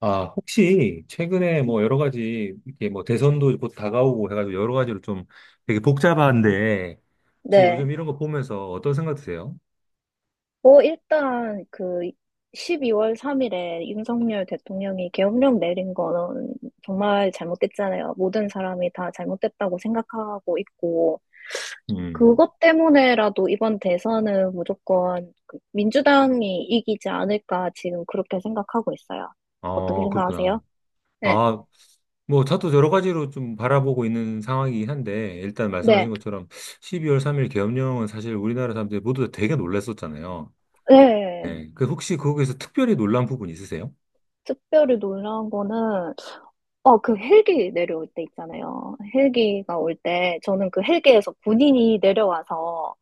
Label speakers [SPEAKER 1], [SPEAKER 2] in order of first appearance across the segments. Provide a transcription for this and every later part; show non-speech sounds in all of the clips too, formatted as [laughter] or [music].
[SPEAKER 1] 아, 혹시 최근에 뭐 여러 가지 이렇게 뭐 대선도 곧 다가오고 해가지고 여러 가지로 좀 되게 복잡한데 혹시 요즘
[SPEAKER 2] 네.
[SPEAKER 1] 이런 거 보면서 어떤 생각 드세요?
[SPEAKER 2] 뭐, 일단, 그, 12월 3일에 윤석열 대통령이 계엄령 내린 거는 정말 잘못됐잖아요. 모든 사람이 다 잘못됐다고 생각하고 있고,
[SPEAKER 1] 음,
[SPEAKER 2] 그것 때문에라도 이번 대선은 무조건 그 민주당이 이기지 않을까 지금 그렇게 생각하고 있어요. 어떻게
[SPEAKER 1] 아, 그렇구나.
[SPEAKER 2] 생각하세요? 네.
[SPEAKER 1] 아, 뭐 저도 여러 가지로 좀 바라보고 있는 상황이긴 한데 일단 말씀하신
[SPEAKER 2] 네.
[SPEAKER 1] 것처럼 12월 3일 계엄령은 사실 우리나라 사람들이 모두 다 되게 놀랐었잖아요.
[SPEAKER 2] 네.
[SPEAKER 1] 예. 그 혹시 거기에서 특별히 놀란 부분 있으세요?
[SPEAKER 2] 특별히 놀라운 거는 그 헬기 내려올 때 있잖아요. 헬기가 올 때, 저는 그 헬기에서 군인이 내려와서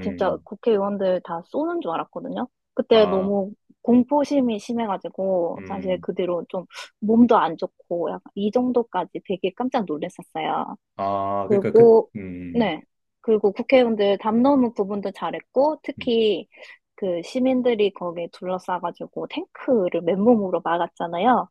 [SPEAKER 2] 진짜 국회의원들 다 쏘는 줄 알았거든요. 그때
[SPEAKER 1] 아,
[SPEAKER 2] 너무 공포심이 심해가지고, 사실
[SPEAKER 1] 음,
[SPEAKER 2] 그 뒤로 좀 몸도 안 좋고, 약간 이 정도까지 되게 깜짝 놀랐었어요.
[SPEAKER 1] 아, 그러니까 그,
[SPEAKER 2] 그리고, 네. 그리고 국회의원들 담 넘은 부분도 잘했고,
[SPEAKER 1] 음.
[SPEAKER 2] 특히 그 시민들이 거기에 둘러싸가지고 탱크를 맨몸으로 막았잖아요.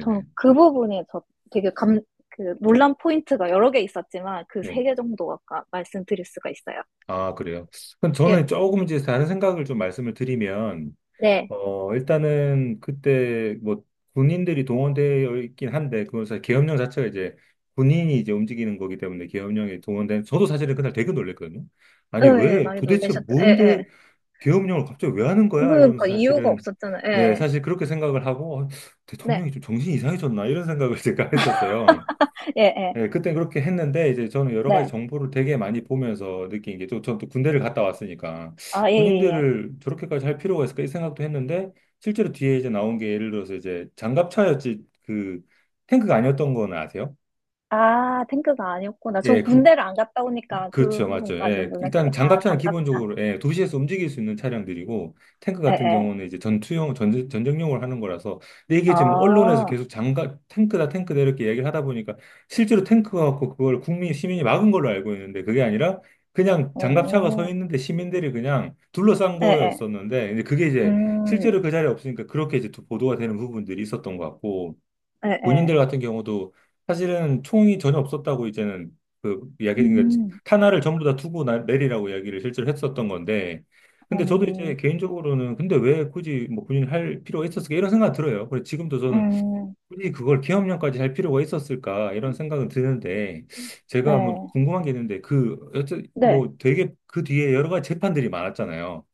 [SPEAKER 2] 전 그 부분에 저 되게 감, 그 논란 포인트가 여러 개 있었지만 그
[SPEAKER 1] 네.
[SPEAKER 2] 세 개 정도 아까 말씀드릴 수가 있어요.
[SPEAKER 1] 아, 그래요. 그럼
[SPEAKER 2] 예,
[SPEAKER 1] 저는 조금 이제 다른 생각을 좀 말씀을 드리면,
[SPEAKER 2] 네.
[SPEAKER 1] 어, 일단은 그때 뭐 군인들이 동원되어 있긴 한데, 그건 사실 계엄령 자체가 이제 군인이 이제 움직이는 거기 때문에 계엄령이 동원된, 저도 사실은 그날 되게 놀랬거든요.
[SPEAKER 2] 어,
[SPEAKER 1] 아니,
[SPEAKER 2] 예, 예,
[SPEAKER 1] 왜,
[SPEAKER 2] 많이
[SPEAKER 1] 도대체
[SPEAKER 2] 놀라셨죠? 예,
[SPEAKER 1] 뭔데
[SPEAKER 2] 예.
[SPEAKER 1] 계엄령을 갑자기 왜 하는 거야? 이러면서
[SPEAKER 2] 그러니까 이유가
[SPEAKER 1] 사실은,
[SPEAKER 2] 없었잖아요. 예,
[SPEAKER 1] 네,
[SPEAKER 2] 예.
[SPEAKER 1] 사실 그렇게 생각을 하고, 어,
[SPEAKER 2] 네,
[SPEAKER 1] 대통령이 좀 정신이 이상해졌나? 이런 생각을 [laughs] 제가 했었어요.
[SPEAKER 2] 예, 예.
[SPEAKER 1] 예, 그때 그렇게 했는데 이제 저는 여러 가지
[SPEAKER 2] 네.
[SPEAKER 1] 정보를 되게 많이 보면서 느낀 게 또 저는 또 군대를 갔다 왔으니까
[SPEAKER 2] 아, 예, 예, 예.
[SPEAKER 1] 군인들을 저렇게까지 할 필요가 있을까 이 생각도 했는데 실제로 뒤에 이제 나온 게 예를 들어서 이제 장갑차였지 그 탱크가 아니었던 거는 아세요?
[SPEAKER 2] 아, 탱크가 아니었구나. 전
[SPEAKER 1] 예, 그,
[SPEAKER 2] 군대를 안 갔다 오니까 그
[SPEAKER 1] 그렇죠, 맞죠.
[SPEAKER 2] 부분까지는
[SPEAKER 1] 예.
[SPEAKER 2] 몰랐어요.
[SPEAKER 1] 일단
[SPEAKER 2] 아,
[SPEAKER 1] 장갑차는
[SPEAKER 2] 장갑차.
[SPEAKER 1] 기본적으로 예, 도시에서 움직일 수 있는 차량들이고 탱크
[SPEAKER 2] 예,
[SPEAKER 1] 같은
[SPEAKER 2] 예.
[SPEAKER 1] 경우는 이제 전투용 전쟁용을 하는 거라서 근데 이게 지금 언론에서
[SPEAKER 2] 아,
[SPEAKER 1] 계속 장갑 탱크다 탱크다 이렇게 얘기를 하다 보니까 실제로 탱크가 갖고 그걸 국민 시민이 막은 걸로 알고 있는데 그게 아니라 그냥 장갑차가 서
[SPEAKER 2] 오.
[SPEAKER 1] 있는데 시민들이 그냥 둘러싼
[SPEAKER 2] 예, 예.
[SPEAKER 1] 거였었는데 이제 그게 이제
[SPEAKER 2] 음,
[SPEAKER 1] 실제로 그 자리에 없으니까 그렇게 이제 또 보도가 되는 부분들이 있었던 것 같고
[SPEAKER 2] 예, 예.
[SPEAKER 1] 군인들 같은 경우도 사실은 총이 전혀 없었다고 이제는 그 이야기, 그러니까
[SPEAKER 2] 음,
[SPEAKER 1] 탄화를 전부 다 투고 내리라고 이야기를 실제로 했었던 건데, 근데 저도 이제
[SPEAKER 2] 음,
[SPEAKER 1] 개인적으로는 근데 왜 굳이 뭐 군인을 할 필요가 있었을까 이런 생각 들어요. 그래 지금도 저는
[SPEAKER 2] 음.
[SPEAKER 1] 굳이 그걸 기업령까지 할 필요가 있었을까 이런 생각은 드는데 제가 뭐
[SPEAKER 2] 네.
[SPEAKER 1] 궁금한 게 있는데 그 여튼
[SPEAKER 2] 네.
[SPEAKER 1] 뭐 되게 그 뒤에 여러 가지 재판들이 많았잖아요.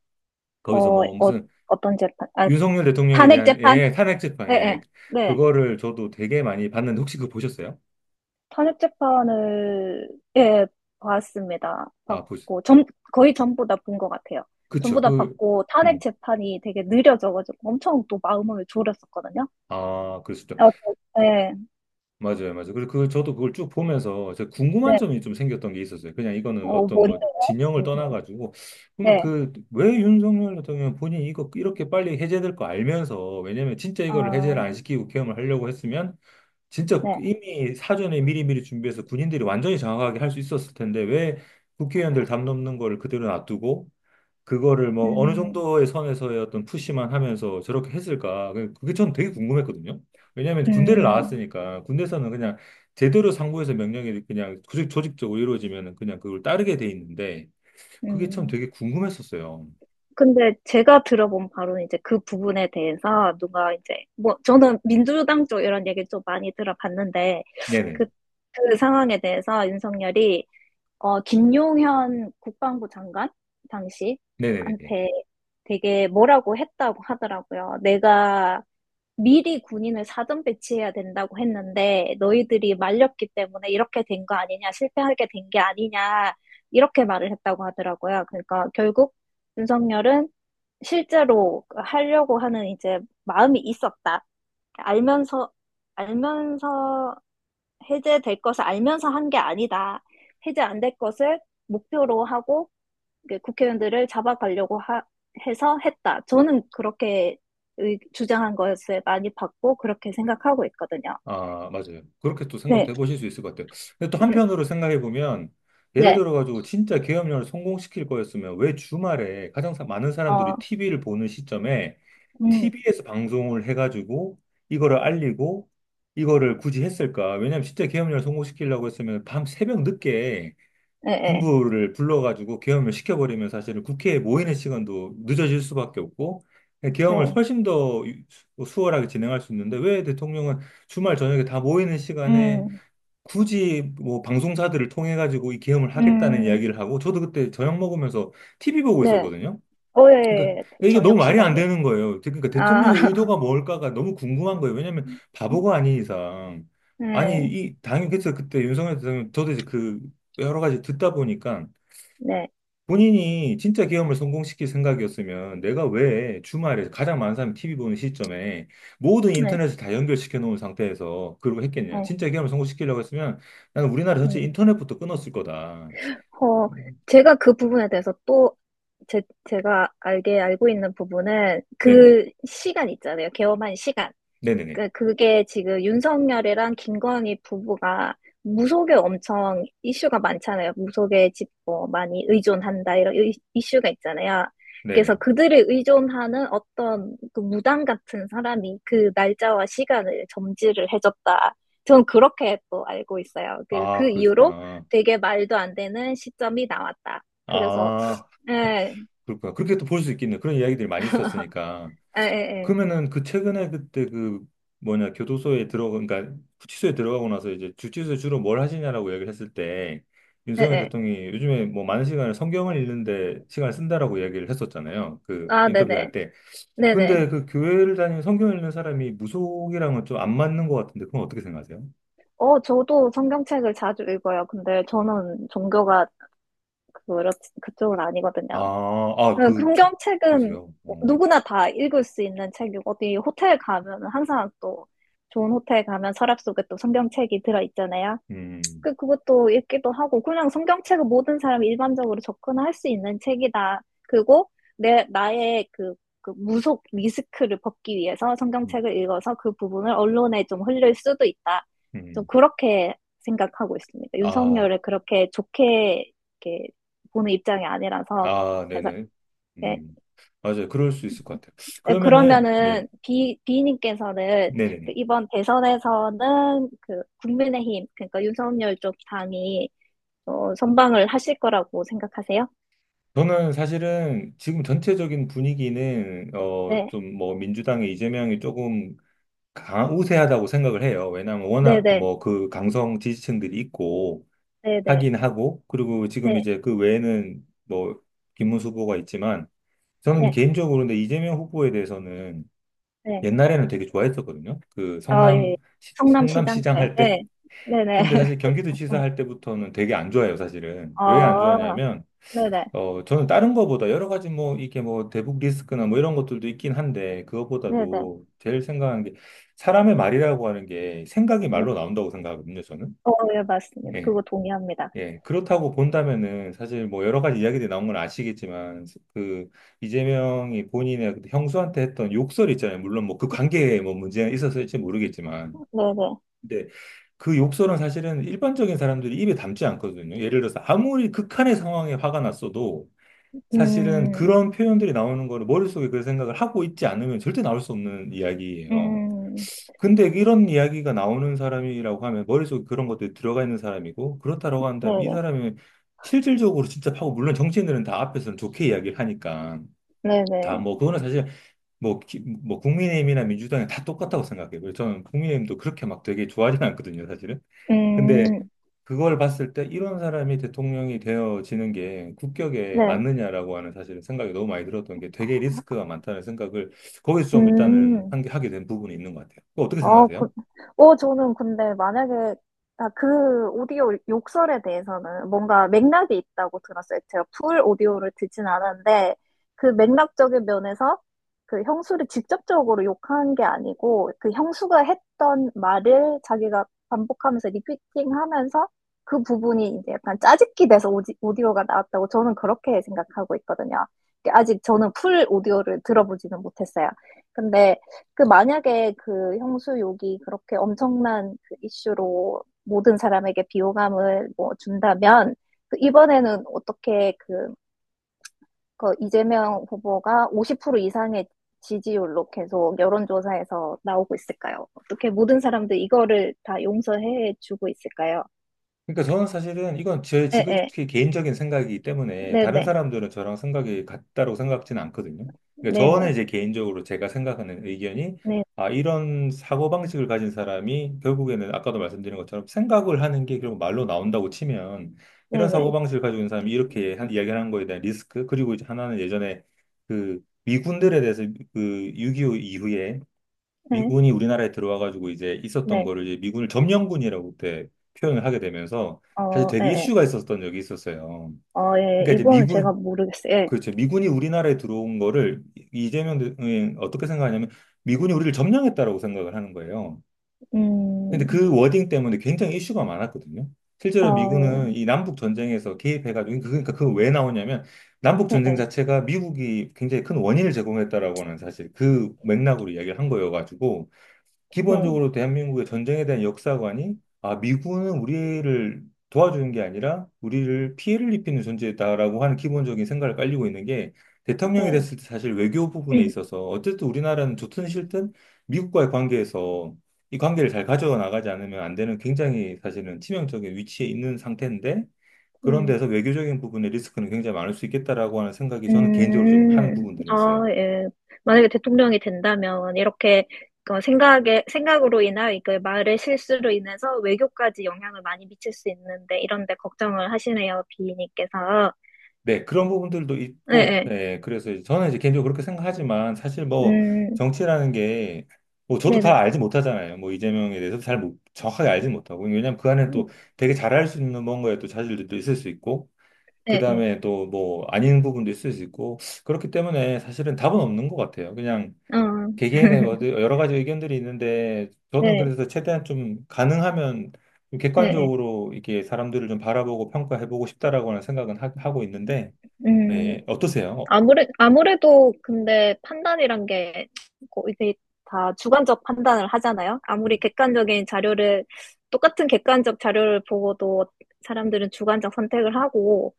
[SPEAKER 1] 거기서
[SPEAKER 2] 어,
[SPEAKER 1] 뭐
[SPEAKER 2] 어,
[SPEAKER 1] 무슨
[SPEAKER 2] 어떤 재판? 아,
[SPEAKER 1] 윤석열 대통령에
[SPEAKER 2] 탄핵
[SPEAKER 1] 대한
[SPEAKER 2] 재판?
[SPEAKER 1] 예 탄핵 재판
[SPEAKER 2] 예, 예.
[SPEAKER 1] 예
[SPEAKER 2] 네.
[SPEAKER 1] 그거를 저도 되게 많이 봤는데 혹시 그거 보셨어요?
[SPEAKER 2] 탄핵 재판을, 예, 봤습니다.
[SPEAKER 1] 아, 보,
[SPEAKER 2] 봤고, 전, 거의 전부 다 본 것 같아요. 전부
[SPEAKER 1] 그쵸.
[SPEAKER 2] 다
[SPEAKER 1] 그,
[SPEAKER 2] 봤고, 탄핵
[SPEAKER 1] 음.
[SPEAKER 2] 재판이 되게 느려져가지고 엄청 또 마음을 졸였었거든요.
[SPEAKER 1] 아, 그렇죠.
[SPEAKER 2] 저- 네,
[SPEAKER 1] 맞아요, 맞아요. 그래서 그, 저도 그걸 쭉 보면서 제가 궁금한
[SPEAKER 2] 네.
[SPEAKER 1] 점이 좀 생겼던 게 있었어요. 그냥 이거는 어떤 뭐
[SPEAKER 2] 뭔데요?
[SPEAKER 1] 진영을
[SPEAKER 2] 궁금한.
[SPEAKER 1] 떠나가지고. 그러면
[SPEAKER 2] 네.
[SPEAKER 1] 그, 왜 윤석열 대통령 본인이 이거 이렇게 빨리 해제될 거 알면서, 왜냐면 진짜 이거를
[SPEAKER 2] 아,
[SPEAKER 1] 해제를 안 시키고 계엄을 하려고 했으면, 진짜
[SPEAKER 2] 네.
[SPEAKER 1] 이미 사전에 미리미리 준비해서 군인들이 완전히 장악하게 할 수 있었을 텐데, 왜 국회의원들 담 넘는 거를 그대로 놔두고, 그거를 뭐 어느
[SPEAKER 2] 음,
[SPEAKER 1] 정도의 선에서의 어떤 푸시만 하면서 저렇게 했을까? 그게 전 되게 궁금했거든요. 왜냐하면 군대를
[SPEAKER 2] 음,
[SPEAKER 1] 나왔으니까 군대에서는 그냥 제대로 상부에서 명령이 그냥 조직적으로 이루어지면 그냥 그걸 따르게 돼 있는데 그게 참
[SPEAKER 2] 음.
[SPEAKER 1] 되게 궁금했었어요.
[SPEAKER 2] 근데 제가 들어본 바로는 이제 그 부분에 대해서 누가 이제 뭐 저는 민주당 쪽 이런 얘기 좀 많이 들어봤는데
[SPEAKER 1] 네네.
[SPEAKER 2] 그, 그 상황에 대해서 윤석열이 김용현 국방부 장관 당시
[SPEAKER 1] 네네네.
[SPEAKER 2] 한테 되게 뭐라고 했다고 하더라고요. 내가 미리 군인을 사전 배치해야 된다고 했는데 너희들이 말렸기 때문에 이렇게 된 거 아니냐, 실패하게 된 게 아니냐 이렇게 말을 했다고 하더라고요. 그러니까 결국 윤석열은 실제로 하려고 하는 이제 마음이 있었다. 알면서, 알면서 해제될 것을 알면서 한 게 아니다. 해제 안 될 것을 목표로 하고 이게 국회의원들을 잡아가려고 하- 해서 했다. 저는 그렇게 의- 주장한 것을 많이 봤고, 그렇게 생각하고 있거든요.
[SPEAKER 1] 아, 맞아요. 그렇게 또 생각도
[SPEAKER 2] 네,
[SPEAKER 1] 해보실 수 있을 것 같아요. 근데 또
[SPEAKER 2] 음,
[SPEAKER 1] 한편으로 생각해보면 예를
[SPEAKER 2] 네,
[SPEAKER 1] 들어가지고 진짜 계엄령을 성공시킬 거였으면 왜 주말에 가장 많은
[SPEAKER 2] 어,
[SPEAKER 1] 사람들이 TV를 보는 시점에
[SPEAKER 2] 음,
[SPEAKER 1] TV에서 방송을 해가지고 이거를 알리고 이거를 굳이 했을까? 왜냐면 진짜 계엄령을 성공시키려고 했으면 밤 새벽 늦게
[SPEAKER 2] 네, 네,
[SPEAKER 1] 군부를 불러가지고 계엄을 시켜버리면 사실은 국회에 모이는 시간도 늦어질 수밖에 없고 계엄을
[SPEAKER 2] 네,
[SPEAKER 1] 훨씬 더 수월하게 진행할 수 있는데 왜 대통령은 주말 저녁에 다 모이는 시간에
[SPEAKER 2] 음,
[SPEAKER 1] 굳이 뭐 방송사들을 통해 가지고 이 계엄을 하겠다는
[SPEAKER 2] 음,
[SPEAKER 1] 이야기를 하고 저도 그때 저녁 먹으면서 TV 보고
[SPEAKER 2] 네.
[SPEAKER 1] 있었거든요.
[SPEAKER 2] 어, 예,
[SPEAKER 1] 그러니까
[SPEAKER 2] 예. 예.
[SPEAKER 1] 이게 너무
[SPEAKER 2] 저녁
[SPEAKER 1] 말이 안
[SPEAKER 2] 시간이었죠.
[SPEAKER 1] 되는 거예요. 그러니까
[SPEAKER 2] 아.
[SPEAKER 1] 대통령의
[SPEAKER 2] [laughs]
[SPEAKER 1] 의도가 뭘까가 너무 궁금한 거예요. 왜냐하면 바보가 아닌 이상 아니
[SPEAKER 2] 네,
[SPEAKER 1] 이 당연히 그래서 그때 윤석열 대통령 저도 이제 그 여러 가지 듣다 보니까
[SPEAKER 2] 네,
[SPEAKER 1] 본인이 진짜 계엄을 성공시킬 생각이었으면 내가 왜 주말에 가장 많은 사람이 TV 보는 시점에 모든
[SPEAKER 2] 네,
[SPEAKER 1] 인터넷을 다 연결시켜 놓은 상태에서 그러고 했겠냐.
[SPEAKER 2] 네,
[SPEAKER 1] 진짜 계엄을 성공시키려고 했으면 나는 우리나라 전체
[SPEAKER 2] 음.
[SPEAKER 1] 인터넷부터 끊었을 거다.
[SPEAKER 2] 어,
[SPEAKER 1] 음,
[SPEAKER 2] 제가 그 부분에 대해서 또 제, 제가 알게 알고 있는 부분은
[SPEAKER 1] 네네.
[SPEAKER 2] 그 시간 있잖아요. 개엄한 시간.
[SPEAKER 1] 네네네.
[SPEAKER 2] 그게 지금 윤석열이랑 김건희 부부가 무속에 엄청 이슈가 많잖아요. 무속에 집, 뭐, 많이 의존한다, 이런 이- 이슈가 있잖아요. 그래서
[SPEAKER 1] 네네.
[SPEAKER 2] 그들을 의존하는 어떤 그 무당 같은 사람이 그 날짜와 시간을 점지를 해줬다. 저는 그렇게 또 알고 있어요. 그,
[SPEAKER 1] 아,
[SPEAKER 2] 그 이후로
[SPEAKER 1] 그러시구나.
[SPEAKER 2] 되게 말도 안 되는 시점이 나왔다. 그래서,
[SPEAKER 1] 아,
[SPEAKER 2] 예,
[SPEAKER 1] 그럴까. 그렇게 또 볼 수 있겠네. 그런 이야기들이 많이
[SPEAKER 2] [laughs]
[SPEAKER 1] 있었으니까.
[SPEAKER 2] 예, 예,
[SPEAKER 1] 그러면은 그 최근에 그때 그 뭐냐, 교도소에 들어가, 그러니까 구치소에 들어가고 나서 이제 주치소에 주로 뭘 하시냐라고 이야기를 했을 때
[SPEAKER 2] 예, 예.
[SPEAKER 1] 윤석열
[SPEAKER 2] 예.
[SPEAKER 1] 대통령이 요즘에 뭐 많은 시간을 성경을 읽는데 시간을 쓴다라고 이야기를 했었잖아요. 그
[SPEAKER 2] 아, 네네.
[SPEAKER 1] 인터뷰할 때.
[SPEAKER 2] 네네.
[SPEAKER 1] 근데 그 교회를 다니는 성경을 읽는 사람이 무속이랑은 좀 안 맞는 것 같은데 그건 어떻게 생각하세요?
[SPEAKER 2] 저도 성경책을 자주 읽어요. 근데 저는 종교가 그렇, 그쪽은
[SPEAKER 1] 아,
[SPEAKER 2] 아니거든요. 네,
[SPEAKER 1] 그,
[SPEAKER 2] 성경책은
[SPEAKER 1] 그러세요. 어,
[SPEAKER 2] 누구나 다 읽을 수 있는 책이고, 어디 호텔 가면 은 항상 또 좋은 호텔 가면 서랍 속에 또 성경책이 들어있잖아요.
[SPEAKER 1] 음,
[SPEAKER 2] 그것도 읽기도 하고, 그냥 성경책은 모든 사람이 일반적으로 접근할 수 있는 책이다. 그리고 나의 그, 그 무속 리스크를 벗기 위해서
[SPEAKER 1] 음,
[SPEAKER 2] 성경책을 읽어서 그 부분을 언론에 좀 흘릴 수도 있다. 좀
[SPEAKER 1] 음.
[SPEAKER 2] 그렇게 생각하고 있습니다.
[SPEAKER 1] 아,
[SPEAKER 2] 윤석열을 그렇게 좋게 이렇게 보는 입장이 아니라서,
[SPEAKER 1] 아,
[SPEAKER 2] 그래서,
[SPEAKER 1] 네네.
[SPEAKER 2] 예.
[SPEAKER 1] 음, 맞아요. 그럴 수 있을 것 같아요.
[SPEAKER 2] 예,
[SPEAKER 1] 그러면은, 네,
[SPEAKER 2] 그러면은 비 비님께서는 그
[SPEAKER 1] 네네네.
[SPEAKER 2] 이번 대선에서는 그 국민의힘 그러니까 윤석열 쪽 당이 선방을 하실 거라고 생각하세요?
[SPEAKER 1] 저는 사실은 지금 전체적인 분위기는, 어,
[SPEAKER 2] 네,
[SPEAKER 1] 좀 뭐, 민주당의 이재명이 조금 우세하다고 생각을 해요. 왜냐하면
[SPEAKER 2] 네,
[SPEAKER 1] 워낙
[SPEAKER 2] 네,
[SPEAKER 1] 뭐, 그 강성 지지층들이 있고,
[SPEAKER 2] 네, 네,
[SPEAKER 1] 하긴 하고, 그리고
[SPEAKER 2] 네,
[SPEAKER 1] 지금 이제 그 외에는 뭐, 김문수 후보가 있지만, 저는
[SPEAKER 2] 네,
[SPEAKER 1] 개인적으로 근데 이재명 후보에 대해서는
[SPEAKER 2] 네.
[SPEAKER 1] 옛날에는 되게 좋아했었거든요. 그
[SPEAKER 2] 어, 예, 예.
[SPEAKER 1] 성남,
[SPEAKER 2] 성남시장
[SPEAKER 1] 성남시장
[SPEAKER 2] 때,
[SPEAKER 1] 할 때.
[SPEAKER 2] 네, 네, 네,
[SPEAKER 1] 근데
[SPEAKER 2] [laughs]
[SPEAKER 1] 사실
[SPEAKER 2] 그쵸.
[SPEAKER 1] 경기도지사
[SPEAKER 2] 응.
[SPEAKER 1] 할 때부터는 되게 안 좋아요, 사실은. 왜 안
[SPEAKER 2] 어,
[SPEAKER 1] 좋아하냐면,
[SPEAKER 2] 네, 네,
[SPEAKER 1] 어, 저는 다른 거보다 여러 가지 뭐, 이게 뭐, 대북 리스크나 뭐 이런 것들도 있긴 한데,
[SPEAKER 2] 네, 네,
[SPEAKER 1] 그거보다도 제일 생각하는 게, 사람의 말이라고 하는 게 생각이
[SPEAKER 2] 네.
[SPEAKER 1] 말로 나온다고 생각하거든요, 저는.
[SPEAKER 2] 어, 예, 맞습니다.
[SPEAKER 1] 예.
[SPEAKER 2] 그거 동의합니다.
[SPEAKER 1] 예. 그렇다고 본다면은, 사실 뭐, 여러 가지 이야기들이 나온 건 아시겠지만, 그, 이재명이 본인의 그 형수한테 했던 욕설 있잖아요. 물론 뭐, 그 관계에 뭐, 문제가 있었을지 모르겠지만.
[SPEAKER 2] 네, 네,
[SPEAKER 1] 근데 그 욕설은 사실은 일반적인 사람들이 입에 담지 않거든요. 예를 들어서 아무리 극한의 상황에 화가 났어도 사실은
[SPEAKER 2] 음,
[SPEAKER 1] 그런 표현들이 나오는 거를 머릿속에 그 생각을 하고 있지 않으면 절대 나올 수 없는 이야기예요.
[SPEAKER 2] 음,
[SPEAKER 1] 근데 이런 이야기가 나오는 사람이라고 하면 머릿속에 그런 것들이 들어가 있는 사람이고 그렇다라고 한다면 이
[SPEAKER 2] 네,
[SPEAKER 1] 사람이 실질적으로 진짜 하고 물론 정치인들은 다 앞에서는 좋게 이야기를 하니까
[SPEAKER 2] 네, 네,
[SPEAKER 1] 다
[SPEAKER 2] 네,
[SPEAKER 1] 뭐 그거는 사실 뭐, 뭐 국민의힘이나 민주당이 다 똑같다고 생각해요. 그래서 저는 국민의힘도 그렇게 막 되게 좋아하진 않거든요, 사실은. 근데
[SPEAKER 2] 음,
[SPEAKER 1] 그걸 봤을 때 이런 사람이 대통령이 되어지는 게 국격에
[SPEAKER 2] 네,
[SPEAKER 1] 맞느냐라고 하는 사실은 생각이 너무 많이 들었던 게 되게 리스크가 많다는 생각을 거기서 좀 일단은
[SPEAKER 2] 음.
[SPEAKER 1] 한 게 하게 된 부분이 있는 것 같아요. 그거 어떻게
[SPEAKER 2] 어, 그,
[SPEAKER 1] 생각하세요?
[SPEAKER 2] 저는 근데 만약에, 아, 그 오디오 욕설에 대해서는 뭔가 맥락이 있다고 들었어요. 제가 풀 오디오를 듣진 않았는데, 그 맥락적인 면에서 그 형수를 직접적으로 욕한 게 아니고, 그 형수가 했던 말을 자기가 반복하면서 리피팅 하면서 그 부분이 이제 약간 짜깁기 돼서 오디오가 나왔다고 저는 그렇게 생각하고 있거든요. 아직 저는 풀 오디오를 들어보지는 못했어요. 근데 그 만약에 그 형수욕이 그렇게 엄청난 그 이슈로 모든 사람에게 비호감을 뭐 준다면 그 이번에는 어떻게 그, 그 이재명 후보가 50% 이상의 지지율로 계속 여론조사에서 나오고 있을까요? 어떻게 모든 사람들 이거를 다 용서해 주고 있을까요?
[SPEAKER 1] 그러니까 저는 사실은 이건 제
[SPEAKER 2] 네,
[SPEAKER 1] 지극히 개인적인 생각이기 때문에
[SPEAKER 2] 네,
[SPEAKER 1] 다른
[SPEAKER 2] 네,
[SPEAKER 1] 사람들은 저랑 생각이 같다고 생각지는 않거든요. 그러니까
[SPEAKER 2] 네, 네,
[SPEAKER 1] 저는
[SPEAKER 2] 네,
[SPEAKER 1] 이제 개인적으로 제가 생각하는 의견이 아, 이런 사고방식을 가진 사람이 결국에는 아까도 말씀드린 것처럼 생각을 하는 게 결국 말로 나온다고 치면
[SPEAKER 2] 네,
[SPEAKER 1] 이런
[SPEAKER 2] 네, 네,
[SPEAKER 1] 사고방식을 가지고 있는 사람이 이렇게 이야기를 한 거에 대한 리스크 그리고 이제 하나는 예전에 그 미군들에 대해서 그6.25 이후에
[SPEAKER 2] 네,
[SPEAKER 1] 미군이 우리나라에 들어와가지고 이제 있었던
[SPEAKER 2] 네,
[SPEAKER 1] 거를 이제 미군을 점령군이라고 그때 표현을 하게 되면서 사실
[SPEAKER 2] 어, 네,
[SPEAKER 1] 되게
[SPEAKER 2] 네.
[SPEAKER 1] 이슈가 있었던 적이 있었어요.
[SPEAKER 2] 어, 예, 예.
[SPEAKER 1] 그러니까 이제
[SPEAKER 2] 이번은 제가
[SPEAKER 1] 미군,
[SPEAKER 2] 모르겠어요. 예,
[SPEAKER 1] 그렇죠. 미군이 우리나라에 들어온 거를 이재명 대통령이 어떻게 생각하냐면 미군이 우리를 점령했다라고 생각을 하는 거예요. 근데
[SPEAKER 2] 음,
[SPEAKER 1] 그 워딩 때문에 굉장히 이슈가 많았거든요. 실제로
[SPEAKER 2] 어,
[SPEAKER 1] 미군은
[SPEAKER 2] 예,
[SPEAKER 1] 이 남북 전쟁에서 개입해가지고 그러니까 그거 왜 나오냐면 남북
[SPEAKER 2] 네,
[SPEAKER 1] 전쟁
[SPEAKER 2] 네,
[SPEAKER 1] 자체가 미국이 굉장히 큰 원인을 제공했다라고 하는 사실 그 맥락으로 이야기를 한 거여가지고
[SPEAKER 2] 네.
[SPEAKER 1] 기본적으로 대한민국의 전쟁에 대한 역사관이 아, 미군은 우리를 도와주는 게 아니라 우리를 피해를 입히는 존재다라고 하는 기본적인 생각을 깔리고 있는 게 대통령이
[SPEAKER 2] 네.
[SPEAKER 1] 됐을 때 사실 외교 부분에
[SPEAKER 2] [clears throat]
[SPEAKER 1] 있어서 어쨌든 우리나라는 좋든 싫든 미국과의 관계에서 이 관계를 잘 가져나가지 않으면 안 되는 굉장히 사실은 치명적인 위치에 있는 상태인데 그런
[SPEAKER 2] 네.
[SPEAKER 1] 데서 외교적인 부분의 리스크는 굉장히 많을 수 있겠다라고 하는 생각이 저는 개인적으로 좀 하는 부분들이
[SPEAKER 2] 아,
[SPEAKER 1] 있어요.
[SPEAKER 2] 예. 만약에 대통령이 된다면, 이렇게, 생각으로 인하그 말의 실수로 인해서 외교까지 영향을 많이 미칠 수 있는데, 이런데 걱정을 하시네요, 비님께서.
[SPEAKER 1] 네, 그런 부분들도
[SPEAKER 2] 네,
[SPEAKER 1] 있고,
[SPEAKER 2] 네.
[SPEAKER 1] 네 그래서 이제 저는 이제 개인적으로 그렇게 생각하지만, 사실 뭐,
[SPEAKER 2] 음,
[SPEAKER 1] 정치라는 게, 뭐, 저도 다
[SPEAKER 2] 네네.
[SPEAKER 1] 알지 못하잖아요. 뭐, 이재명에 대해서 잘 정확하게 알지 못하고, 왜냐면 그 안에 또 되게 잘할 수 있는 뭔가에 또 자질들도 있을 수 있고, 그
[SPEAKER 2] 네, 네.
[SPEAKER 1] 다음에 또 뭐, 아닌 부분도 있을 수 있고, 그렇기 때문에 사실은 답은 없는 것 같아요. 그냥
[SPEAKER 2] 음. 네. 예. 어,
[SPEAKER 1] 개개인의 뭐
[SPEAKER 2] [laughs]
[SPEAKER 1] 여러 가지 의견들이 있는데, 저는
[SPEAKER 2] 네,
[SPEAKER 1] 그래서 최대한 좀 가능하면 좀
[SPEAKER 2] 네, 네.
[SPEAKER 1] 객관적으로 이게 사람들을 좀 바라보고 평가해보고 싶다라고는 생각은 하고 있는데,
[SPEAKER 2] 음.
[SPEAKER 1] 네, 어떠세요? 어,
[SPEAKER 2] 아무래도 근데 판단이란 게 고- 이게 다 주관적 판단을 하잖아요. 아무리
[SPEAKER 1] 음.
[SPEAKER 2] 객관적인 자료를, 똑같은 객관적 자료를 보고도 사람들은 주관적 선택을 하고,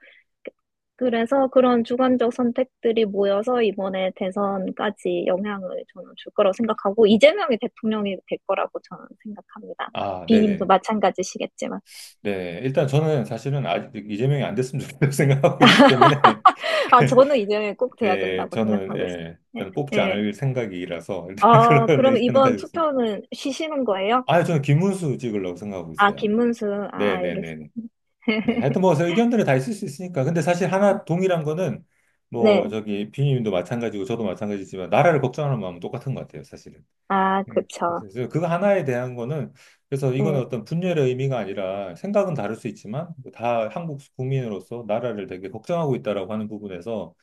[SPEAKER 2] 그래서 그런 주관적 선택들이 모여서 이번에 대선까지 영향을 저는 줄 거라고 생각하고, 이재명이 대통령이 될 거라고 저는 생각합니다.
[SPEAKER 1] 아,
[SPEAKER 2] 비님도
[SPEAKER 1] 네네.
[SPEAKER 2] 마찬가지시겠지만.
[SPEAKER 1] 네, 일단 저는 사실은 아직 이재명이 안 됐으면 좋겠다고 [laughs] 생각하고 있기 때문에,
[SPEAKER 2] [laughs] 아, 저는 이재명이 꼭
[SPEAKER 1] [laughs]
[SPEAKER 2] 돼야
[SPEAKER 1] 예,
[SPEAKER 2] 된다고
[SPEAKER 1] 저는,
[SPEAKER 2] 생각하고
[SPEAKER 1] 예, 일단
[SPEAKER 2] 있습니다. 예,
[SPEAKER 1] 뽑지
[SPEAKER 2] 예.
[SPEAKER 1] 않을 생각이라서, 일단 [laughs]
[SPEAKER 2] 아,
[SPEAKER 1] 그런
[SPEAKER 2] 그럼
[SPEAKER 1] 의견은
[SPEAKER 2] 이번
[SPEAKER 1] 가지고 있습니다.
[SPEAKER 2] 투표는 쉬시는 거예요?
[SPEAKER 1] 아, 저는 김문수 찍으려고 생각하고
[SPEAKER 2] 아,
[SPEAKER 1] 있어요.
[SPEAKER 2] 김문수. 아,
[SPEAKER 1] 네네네. 네, 네, 네.
[SPEAKER 2] 알겠어요.
[SPEAKER 1] 네, 하여튼
[SPEAKER 2] [laughs]
[SPEAKER 1] 뭐, 의견들이 다 있을 수 있으니까. 근데 사실 하나 동일한 거는, 뭐,
[SPEAKER 2] 네.
[SPEAKER 1] 저기, 비님도 마찬가지고, 저도 마찬가지지만, 나라를 걱정하는 마음은 똑같은 것 같아요, 사실은.
[SPEAKER 2] 아, 그쵸.
[SPEAKER 1] 그래서 이제 그거 하나에 대한 거는 그래서 이거는
[SPEAKER 2] 네.
[SPEAKER 1] 어떤 분열의 의미가 아니라 생각은 다를 수 있지만 뭐 다 한국 국민으로서 나라를 되게 걱정하고 있다라고 하는 부분에서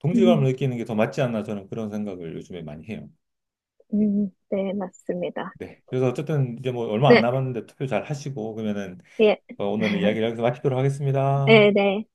[SPEAKER 1] 동질감을
[SPEAKER 2] 음,
[SPEAKER 1] 느끼는 게 더 맞지 않나 저는 그런 생각을 요즘에 많이 해요.
[SPEAKER 2] 네, 맞습니다.
[SPEAKER 1] 네. 그래서 어쨌든 이제 뭐 얼마 안
[SPEAKER 2] 네,
[SPEAKER 1] 남았는데 투표 잘 하시고 그러면은
[SPEAKER 2] 예.
[SPEAKER 1] 어, 오늘은 이야기를
[SPEAKER 2] [laughs]
[SPEAKER 1] 여기서 마치도록 하겠습니다.
[SPEAKER 2] 네, 네.